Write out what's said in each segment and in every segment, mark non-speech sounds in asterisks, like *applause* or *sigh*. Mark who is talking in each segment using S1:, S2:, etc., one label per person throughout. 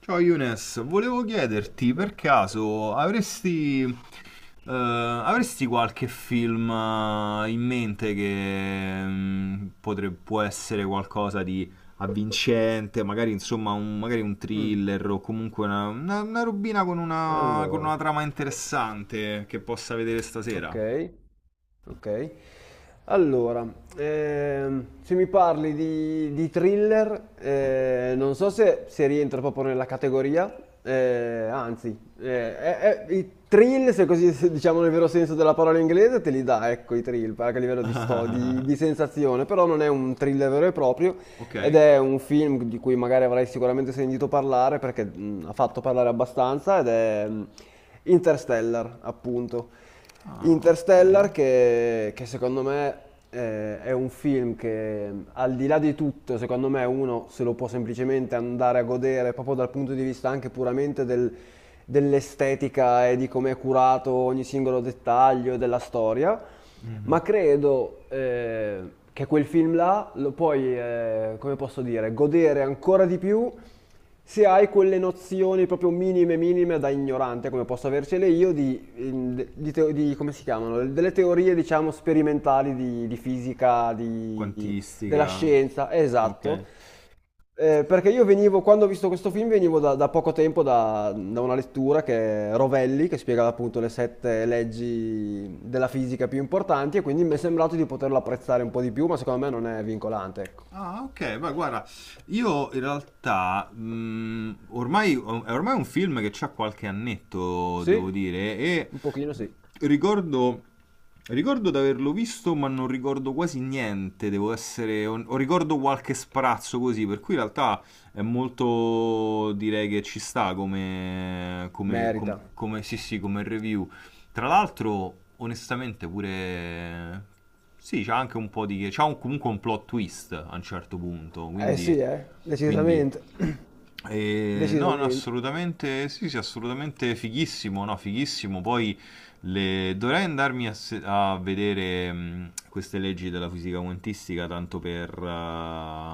S1: Ciao Younes, volevo chiederti per caso avresti, avresti qualche film in mente che può essere qualcosa di avvincente, magari insomma un, magari un
S2: Mh.
S1: thriller o comunque una, una robina con
S2: Allora,
S1: una trama interessante che possa vedere stasera?
S2: ok, ok. Allora, se mi parli di, thriller, non so se, rientra proprio nella categoria. eh, anzi, eh, è- I thrill, se così se diciamo nel vero senso della parola inglese, te li dà, ecco, i thrill, anche a livello di, di
S1: *laughs*
S2: sensazione, però non è un thriller vero e proprio, ed
S1: Ok?
S2: è un film di cui magari avrai sicuramente sentito parlare perché ha fatto parlare abbastanza, ed è, Interstellar, appunto.
S1: Ah, ok.
S2: Interstellar che, secondo me è un film che, al di là di tutto, secondo me uno se lo può semplicemente andare a godere proprio dal punto di vista anche puramente dell'estetica e di come è curato ogni singolo dettaglio della storia.
S1: Mhm.
S2: Ma credo che quel film là lo puoi, come posso dire, godere ancora di più se hai quelle nozioni proprio minime, minime, da ignorante, come posso avercele io, di come si chiamano? Delle teorie, diciamo, sperimentali di, fisica, della
S1: Quantistica.
S2: scienza,
S1: Ok.
S2: esatto. Perché io venivo, quando ho visto questo film, venivo da, poco tempo da, una lettura che è Rovelli, che spiegava appunto le sette leggi della fisica più importanti, e quindi mi è sembrato di poterlo apprezzare un po' di più, ma secondo me non è vincolante, ecco.
S1: Ah, ok, beh, guarda, io in realtà ormai, è ormai un film che c'ha qualche annetto, devo
S2: Sì?
S1: dire, e
S2: Un pochino sì,
S1: ricordo, ricordo di averlo visto, ma non ricordo quasi niente, devo essere, o ricordo qualche sprazzo così, per cui in realtà è molto, direi che ci sta come,
S2: merita.
S1: sì, sì, come review. Tra l'altro, onestamente, pure... Sì, c'ha anche un po' di... c'ha comunque un plot twist a un certo punto,
S2: Eh sì,
S1: quindi... quindi...
S2: decisamente. *clears throat*
S1: no,
S2: Decisamente.
S1: assolutamente, sì, assolutamente fighissimo, no, fighissimo. Poi dovrei andarmi a, a vedere queste leggi della fisica quantistica, tanto per,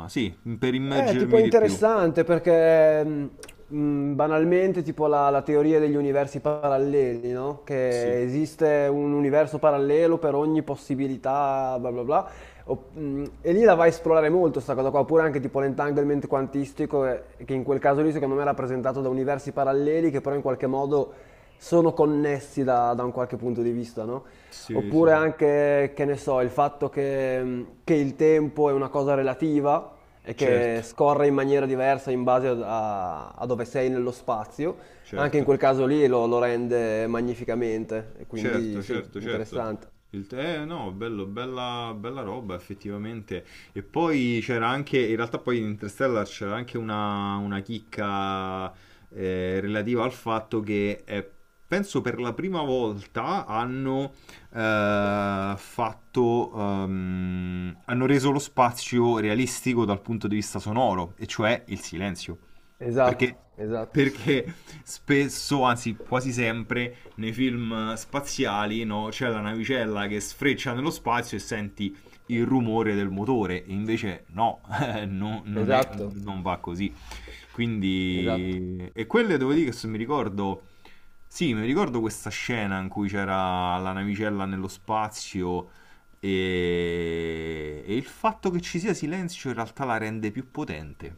S1: sì, per
S2: Tipo
S1: immergermi
S2: è
S1: di più.
S2: interessante perché banalmente tipo la, teoria degli universi paralleli, no?
S1: Sì,
S2: Che esiste un universo parallelo per ogni possibilità, bla bla bla. E lì la vai a esplorare molto sta cosa qua, oppure anche tipo l'entanglement quantistico, che in quel caso lì secondo me è rappresentato da universi paralleli che però in qualche modo sono connessi da, un qualche punto di vista, no?
S1: sì,
S2: Oppure
S1: sì.
S2: anche, che ne so, il fatto che il tempo è una cosa relativa e
S1: Certo,
S2: che scorre in maniera diversa in base a, dove sei nello spazio. Anche in
S1: certo.
S2: quel caso lì lo, rende magnificamente, e
S1: Certo,
S2: quindi sì,
S1: certo, certo.
S2: interessante.
S1: Il te, no, bello, bella, bella roba effettivamente. E poi c'era anche, in realtà poi in Interstellar c'era anche una chicca relativa al fatto che penso per la prima volta hanno fatto, hanno reso lo spazio realistico dal punto di vista sonoro, e cioè il silenzio.
S2: Esatto,
S1: Perché,
S2: esatto,
S1: perché spesso, anzi quasi sempre, nei film spaziali no? C'è la navicella che sfreccia nello spazio e senti il rumore del motore, invece no, *laughs* non, è,
S2: esatto,
S1: non va così.
S2: esatto.
S1: Quindi, e quelle devo dire che se mi ricordo, sì, mi ricordo questa scena in cui c'era la navicella nello spazio e il fatto che ci sia silenzio in realtà la rende più potente,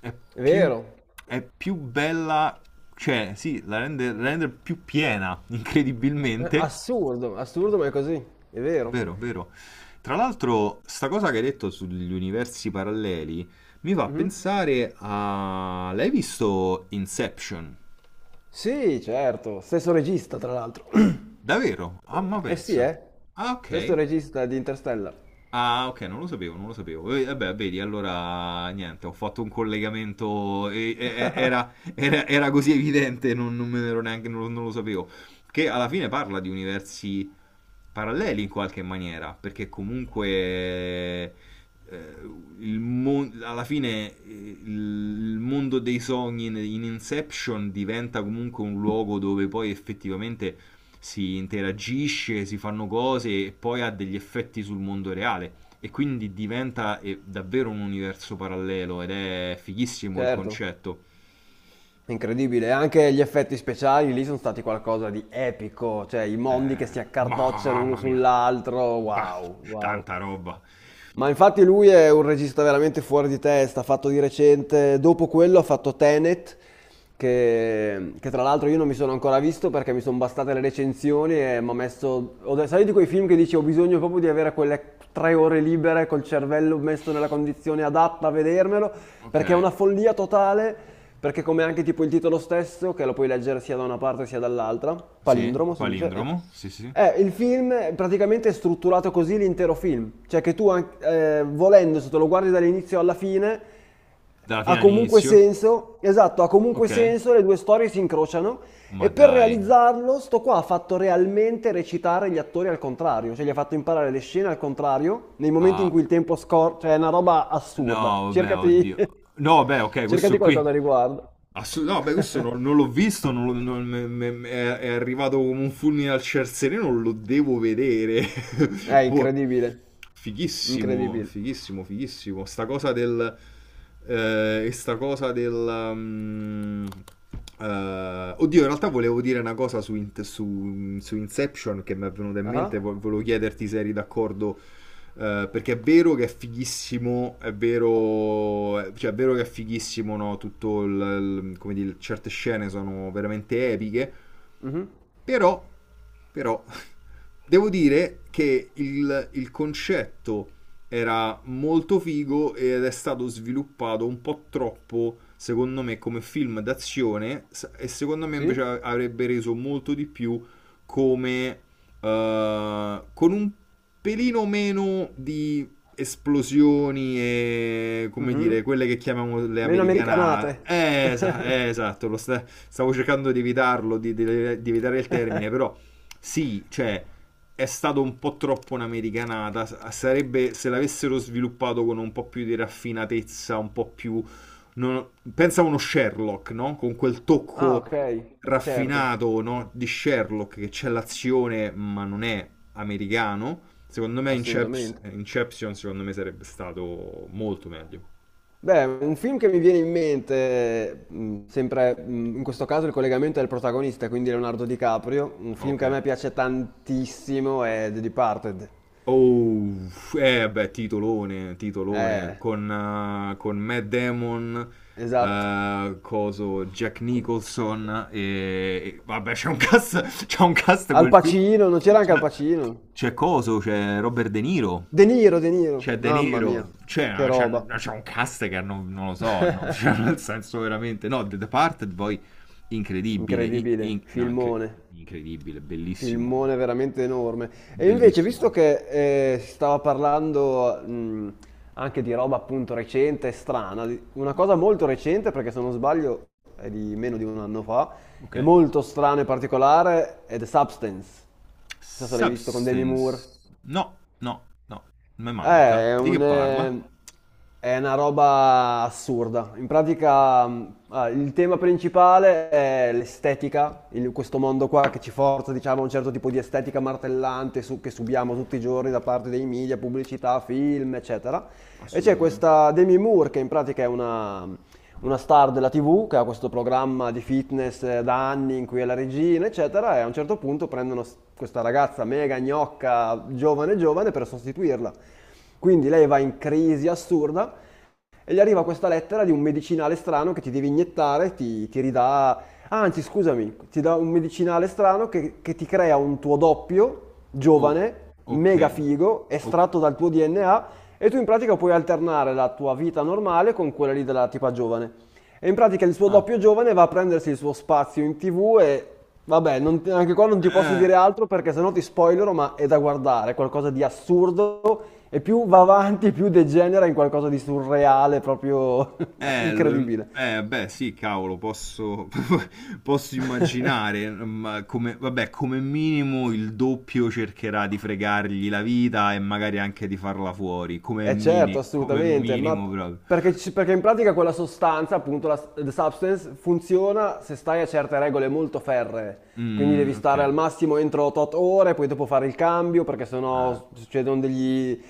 S1: è
S2: È
S1: più,
S2: vero.
S1: è più bella cioè, sì, la rende più piena, *laughs* incredibilmente.
S2: Assurdo, assurdo, ma è così, è vero.
S1: Vero, vero. Tra l'altro, sta cosa che hai detto sugli universi paralleli mi fa
S2: Mhm.
S1: pensare a... L'hai visto Inception?
S2: Sì, certo, stesso regista tra l'altro. *clears throat*
S1: Davvero? Ah, ma
S2: Eh sì,
S1: pensa. Ah, ok.
S2: stesso regista di Interstellar,
S1: Ah, ok, non lo sapevo, non lo sapevo. E, vabbè, vedi, allora niente, ho fatto un collegamento, era, era così evidente, non, non me ne ero neanche, non, non lo sapevo. Che alla fine parla di universi paralleli in qualche maniera, perché comunque alla fine il mondo dei sogni in, in Inception diventa comunque un luogo dove poi effettivamente si interagisce, si fanno cose e poi ha degli effetti sul mondo reale. E quindi diventa davvero un universo parallelo ed è fighissimo il
S2: certo.
S1: concetto.
S2: Incredibile, anche gli effetti speciali lì sono stati qualcosa di epico, cioè i mondi che si accartocciano uno
S1: Mamma mia,
S2: sull'altro,
S1: bah,
S2: wow, wow.
S1: tanta roba.
S2: Ma infatti lui è un regista veramente fuori di testa, ha fatto di recente, dopo quello ha fatto Tenet, che, tra l'altro io non mi sono ancora visto perché mi sono bastate le recensioni e mi ha messo... Sai di quei film che dici ho bisogno proprio di avere quelle tre ore libere col cervello messo nella condizione adatta a vedermelo,
S1: Ok.
S2: perché è una follia totale, perché come anche tipo il titolo stesso, che lo puoi leggere sia da una parte sia dall'altra,
S1: Sì,
S2: palindromo si dice,
S1: palindromo, sì, sì.
S2: il film praticamente è strutturato così l'intero film, cioè che volendo, se te lo guardi dall'inizio alla fine
S1: Dalla
S2: ha
S1: fine
S2: comunque
S1: all'inizio.
S2: senso, esatto, ha comunque
S1: Ok.
S2: senso, le due storie si incrociano,
S1: Ma
S2: e per
S1: dai.
S2: realizzarlo sto qua ha fatto realmente recitare gli attori al contrario, cioè gli ha fatto imparare le scene al contrario nei momenti in
S1: Ah,
S2: cui il tempo scorre, cioè è una roba assurda.
S1: no, vabbè,
S2: Cercati,
S1: oddio.
S2: *laughs*
S1: No, vabbè, ok, questo
S2: cercati
S1: qui.
S2: qualcosa a riguardo.
S1: No, beh, questo non, non l'ho visto, è arrivato come un fulmine al ciel sereno, lo devo vedere.
S2: È
S1: *laughs* Boh.
S2: incredibile,
S1: Fighissimo,
S2: incredibile.
S1: fighissimo, fighissimo. Sta cosa del... e sta cosa del... eh, oddio, in realtà volevo dire una cosa su, su Inception che mi è venuta in
S2: Ah,
S1: mente, volevo chiederti se eri d'accordo, perché è vero che è fighissimo, è vero, cioè è vero che è fighissimo, no? Tutto il, come dire, certe scene sono veramente epiche,
S2: mhm.
S1: però, però, devo dire che il concetto era molto figo ed è stato sviluppato un po' troppo, secondo me, come film d'azione e secondo me invece
S2: Sì?
S1: avrebbe reso molto di più come con un pelino meno di esplosioni e come
S2: Mh-mh.
S1: dire, quelle che chiamiamo le
S2: Meno
S1: americanate.
S2: americanate. *laughs*
S1: Esatto, stavo cercando di evitarlo, di evitare il termine, però sì, cioè è stato un po' troppo un'americanata. Sarebbe se l'avessero sviluppato con un po' più di raffinatezza, un po' più non- pensa a uno Sherlock, no? Con quel
S2: Ah,
S1: tocco
S2: okay, certo,
S1: raffinato, no? Di Sherlock che c'è l'azione, ma non è americano. Secondo me
S2: assolutamente.
S1: Inception, secondo me sarebbe stato molto meglio.
S2: Beh, un film che mi viene in mente, sempre, in questo caso il collegamento è il protagonista, quindi Leonardo DiCaprio, un film
S1: Ok.
S2: che a me piace tantissimo è The Departed.
S1: Oh, eh beh, titolone, titolone,
S2: Eh,
S1: con Matt Damon,
S2: esatto.
S1: coso, Jack Nicholson e... vabbè, c'è un cast, *laughs* c'è un cast
S2: Al
S1: quel film,
S2: Pacino, non c'era anche Al
S1: c'è
S2: Pacino?
S1: coso, c'è Robert De Niro,
S2: De Niro, De Niro,
S1: c'è De
S2: mamma mia,
S1: Niro,
S2: che roba.
S1: c'è un cast che non, non lo so, no? *laughs* Cioè, nel
S2: *laughs*
S1: senso veramente, no, The Departed poi incredibile,
S2: Incredibile,
S1: no,
S2: filmone.
S1: incredibile, bellissimo,
S2: Filmone veramente enorme. E invece,
S1: bellissimo,
S2: visto che si stava parlando, anche di roba appunto recente e strana, una cosa molto recente, perché se non sbaglio è di meno di un anno fa,
S1: ok?
S2: è molto strana e particolare, è The Substance. Non so se l'hai visto, con Demi Moore.
S1: Substance. No, no, no, me
S2: Eh,
S1: manca.
S2: è
S1: Di che
S2: un,
S1: parla?
S2: eh, è una roba assurda. In pratica, il tema principale è l'estetica, questo mondo qua che ci forza, diciamo, a un certo tipo di estetica martellante che subiamo tutti i giorni da parte dei media, pubblicità, film, eccetera. E c'è
S1: Assolutamente.
S2: questa Demi Moore, che in pratica è una, star della TV, che ha questo programma di fitness da anni, in cui è la regina, eccetera, e a un certo punto prendono questa ragazza mega gnocca, giovane giovane, per sostituirla. Quindi lei va in crisi assurda e gli arriva questa lettera di un medicinale strano che ti devi iniettare, ti ridà, anzi scusami, ti dà un medicinale strano che, ti crea un tuo doppio,
S1: Oh,
S2: giovane,
S1: ok,
S2: mega figo,
S1: ok.
S2: estratto dal tuo DNA, e tu in pratica puoi alternare la tua vita normale con quella lì della tipa giovane. E in pratica il suo
S1: Ah,
S2: doppio giovane va a prendersi il suo spazio in TV, e vabbè, non ti- anche qua non ti posso
S1: eh,
S2: dire altro perché sennò ti spoilero, ma è da guardare, è qualcosa di assurdo, e più va avanti più degenera in qualcosa di surreale, proprio *laughs* incredibile.
S1: beh, sì, cavolo, posso, *laughs* posso immaginare, ma come, vabbè, come minimo il doppio cercherà di fregargli la vita e magari anche di farla fuori,
S2: E certo,
S1: come
S2: assolutamente, ma
S1: minimo proprio.
S2: perché, perché in pratica quella sostanza, appunto the substance, funziona se stai a certe regole molto ferree. Quindi
S1: Mm,
S2: devi
S1: ok,
S2: stare al massimo entro tot ore, poi dopo fare il cambio perché
S1: ah,
S2: sennò succedono degli...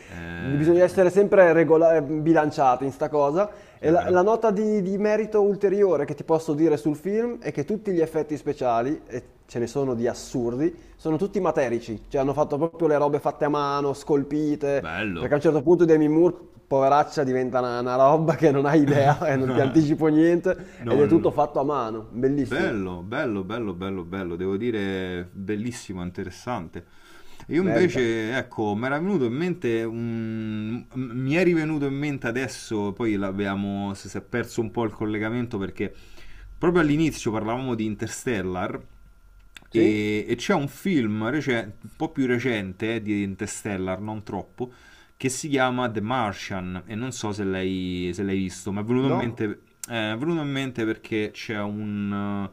S2: Bisogna
S1: eh,
S2: essere sempre bilanciati in sta cosa. E la,
S1: chiaro,
S2: nota di, merito ulteriore che ti posso dire sul film è che tutti gli effetti speciali, e ce ne sono di assurdi, sono tutti materici, cioè hanno fatto proprio le robe fatte a mano, scolpite,
S1: bello.
S2: perché a un certo punto Demi Moore, poveraccia, diventa una, roba che non hai idea,
S1: *laughs*
S2: e non ti
S1: No,
S2: anticipo niente, ed
S1: no,
S2: è
S1: no.
S2: tutto fatto a mano, bellissimo,
S1: Bello, bello, bello, bello, bello, devo dire bellissimo, interessante. Io
S2: merita.
S1: invece, ecco, mi era venuto in mente, mi è rivenuto in mente adesso, poi l'abbiamo, si è perso un po' il collegamento perché proprio all'inizio parlavamo di Interstellar
S2: Sì?
S1: e c'è un film un po' più recente di Interstellar, non troppo, che si chiama The Martian e non so se l'hai, se l'hai visto, ma è venuto in mente,
S2: No?
S1: è venuto in mente perché c'è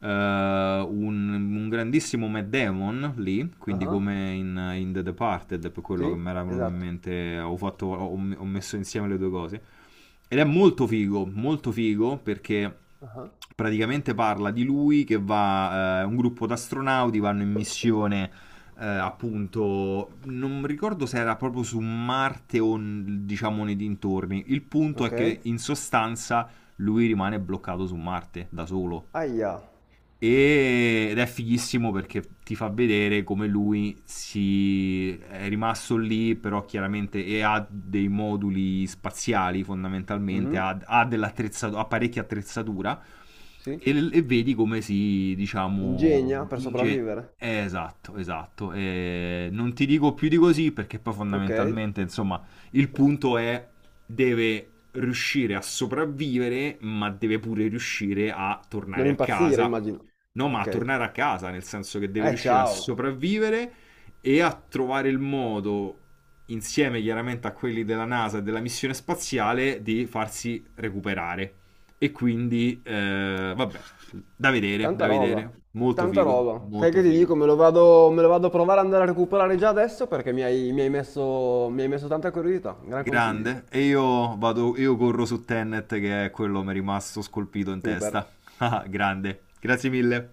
S1: eh, un, un grandissimo Matt Damon lì, quindi
S2: Ah,
S1: come in, in The Departed, è per quello che
S2: sì?
S1: mi era venuto in
S2: Esatto.
S1: mente, ho, ho messo insieme le due cose. Ed è molto figo perché
S2: Ah,
S1: praticamente parla di lui che va, un gruppo di astronauti vanno in missione appunto, non ricordo se era proprio su Marte o diciamo nei dintorni. Il punto
S2: ok.
S1: è che in sostanza lui rimane bloccato su Marte da solo
S2: Aia.
S1: ed è fighissimo perché ti fa vedere come lui si è rimasto lì, però chiaramente e ha dei moduli spaziali fondamentalmente,
S2: Mhm.
S1: ha, ha dell'attrezzatura, ha parecchia attrezzatura
S2: Sì.
S1: e vedi come si,
S2: Ingegna
S1: diciamo,
S2: per
S1: inge...
S2: sopravvivere.
S1: esatto, esatto. E non ti dico più di così perché poi
S2: Ok.
S1: fondamentalmente, insomma, il punto è deve riuscire a sopravvivere, ma deve pure riuscire a
S2: Non
S1: tornare a
S2: impazzire,
S1: casa.
S2: immagino.
S1: No, ma a
S2: Ok.
S1: tornare a casa, nel senso che deve riuscire a
S2: Ciao.
S1: sopravvivere e a trovare il modo, insieme chiaramente a quelli della NASA e della missione spaziale, di farsi recuperare. E quindi, vabbè, da vedere, da
S2: Tanta roba.
S1: vedere. Molto
S2: Tanta
S1: figo,
S2: roba. Sai
S1: molto
S2: che ti
S1: figo.
S2: dico? Me lo vado a provare ad andare a recuperare già adesso perché mi hai messo tanta curiosità. Gran consiglio.
S1: Grande. E io vado, io corro su Tenet, che è quello che mi è rimasto scolpito in
S2: Super.
S1: testa. *laughs* Ah, grande. Grazie mille.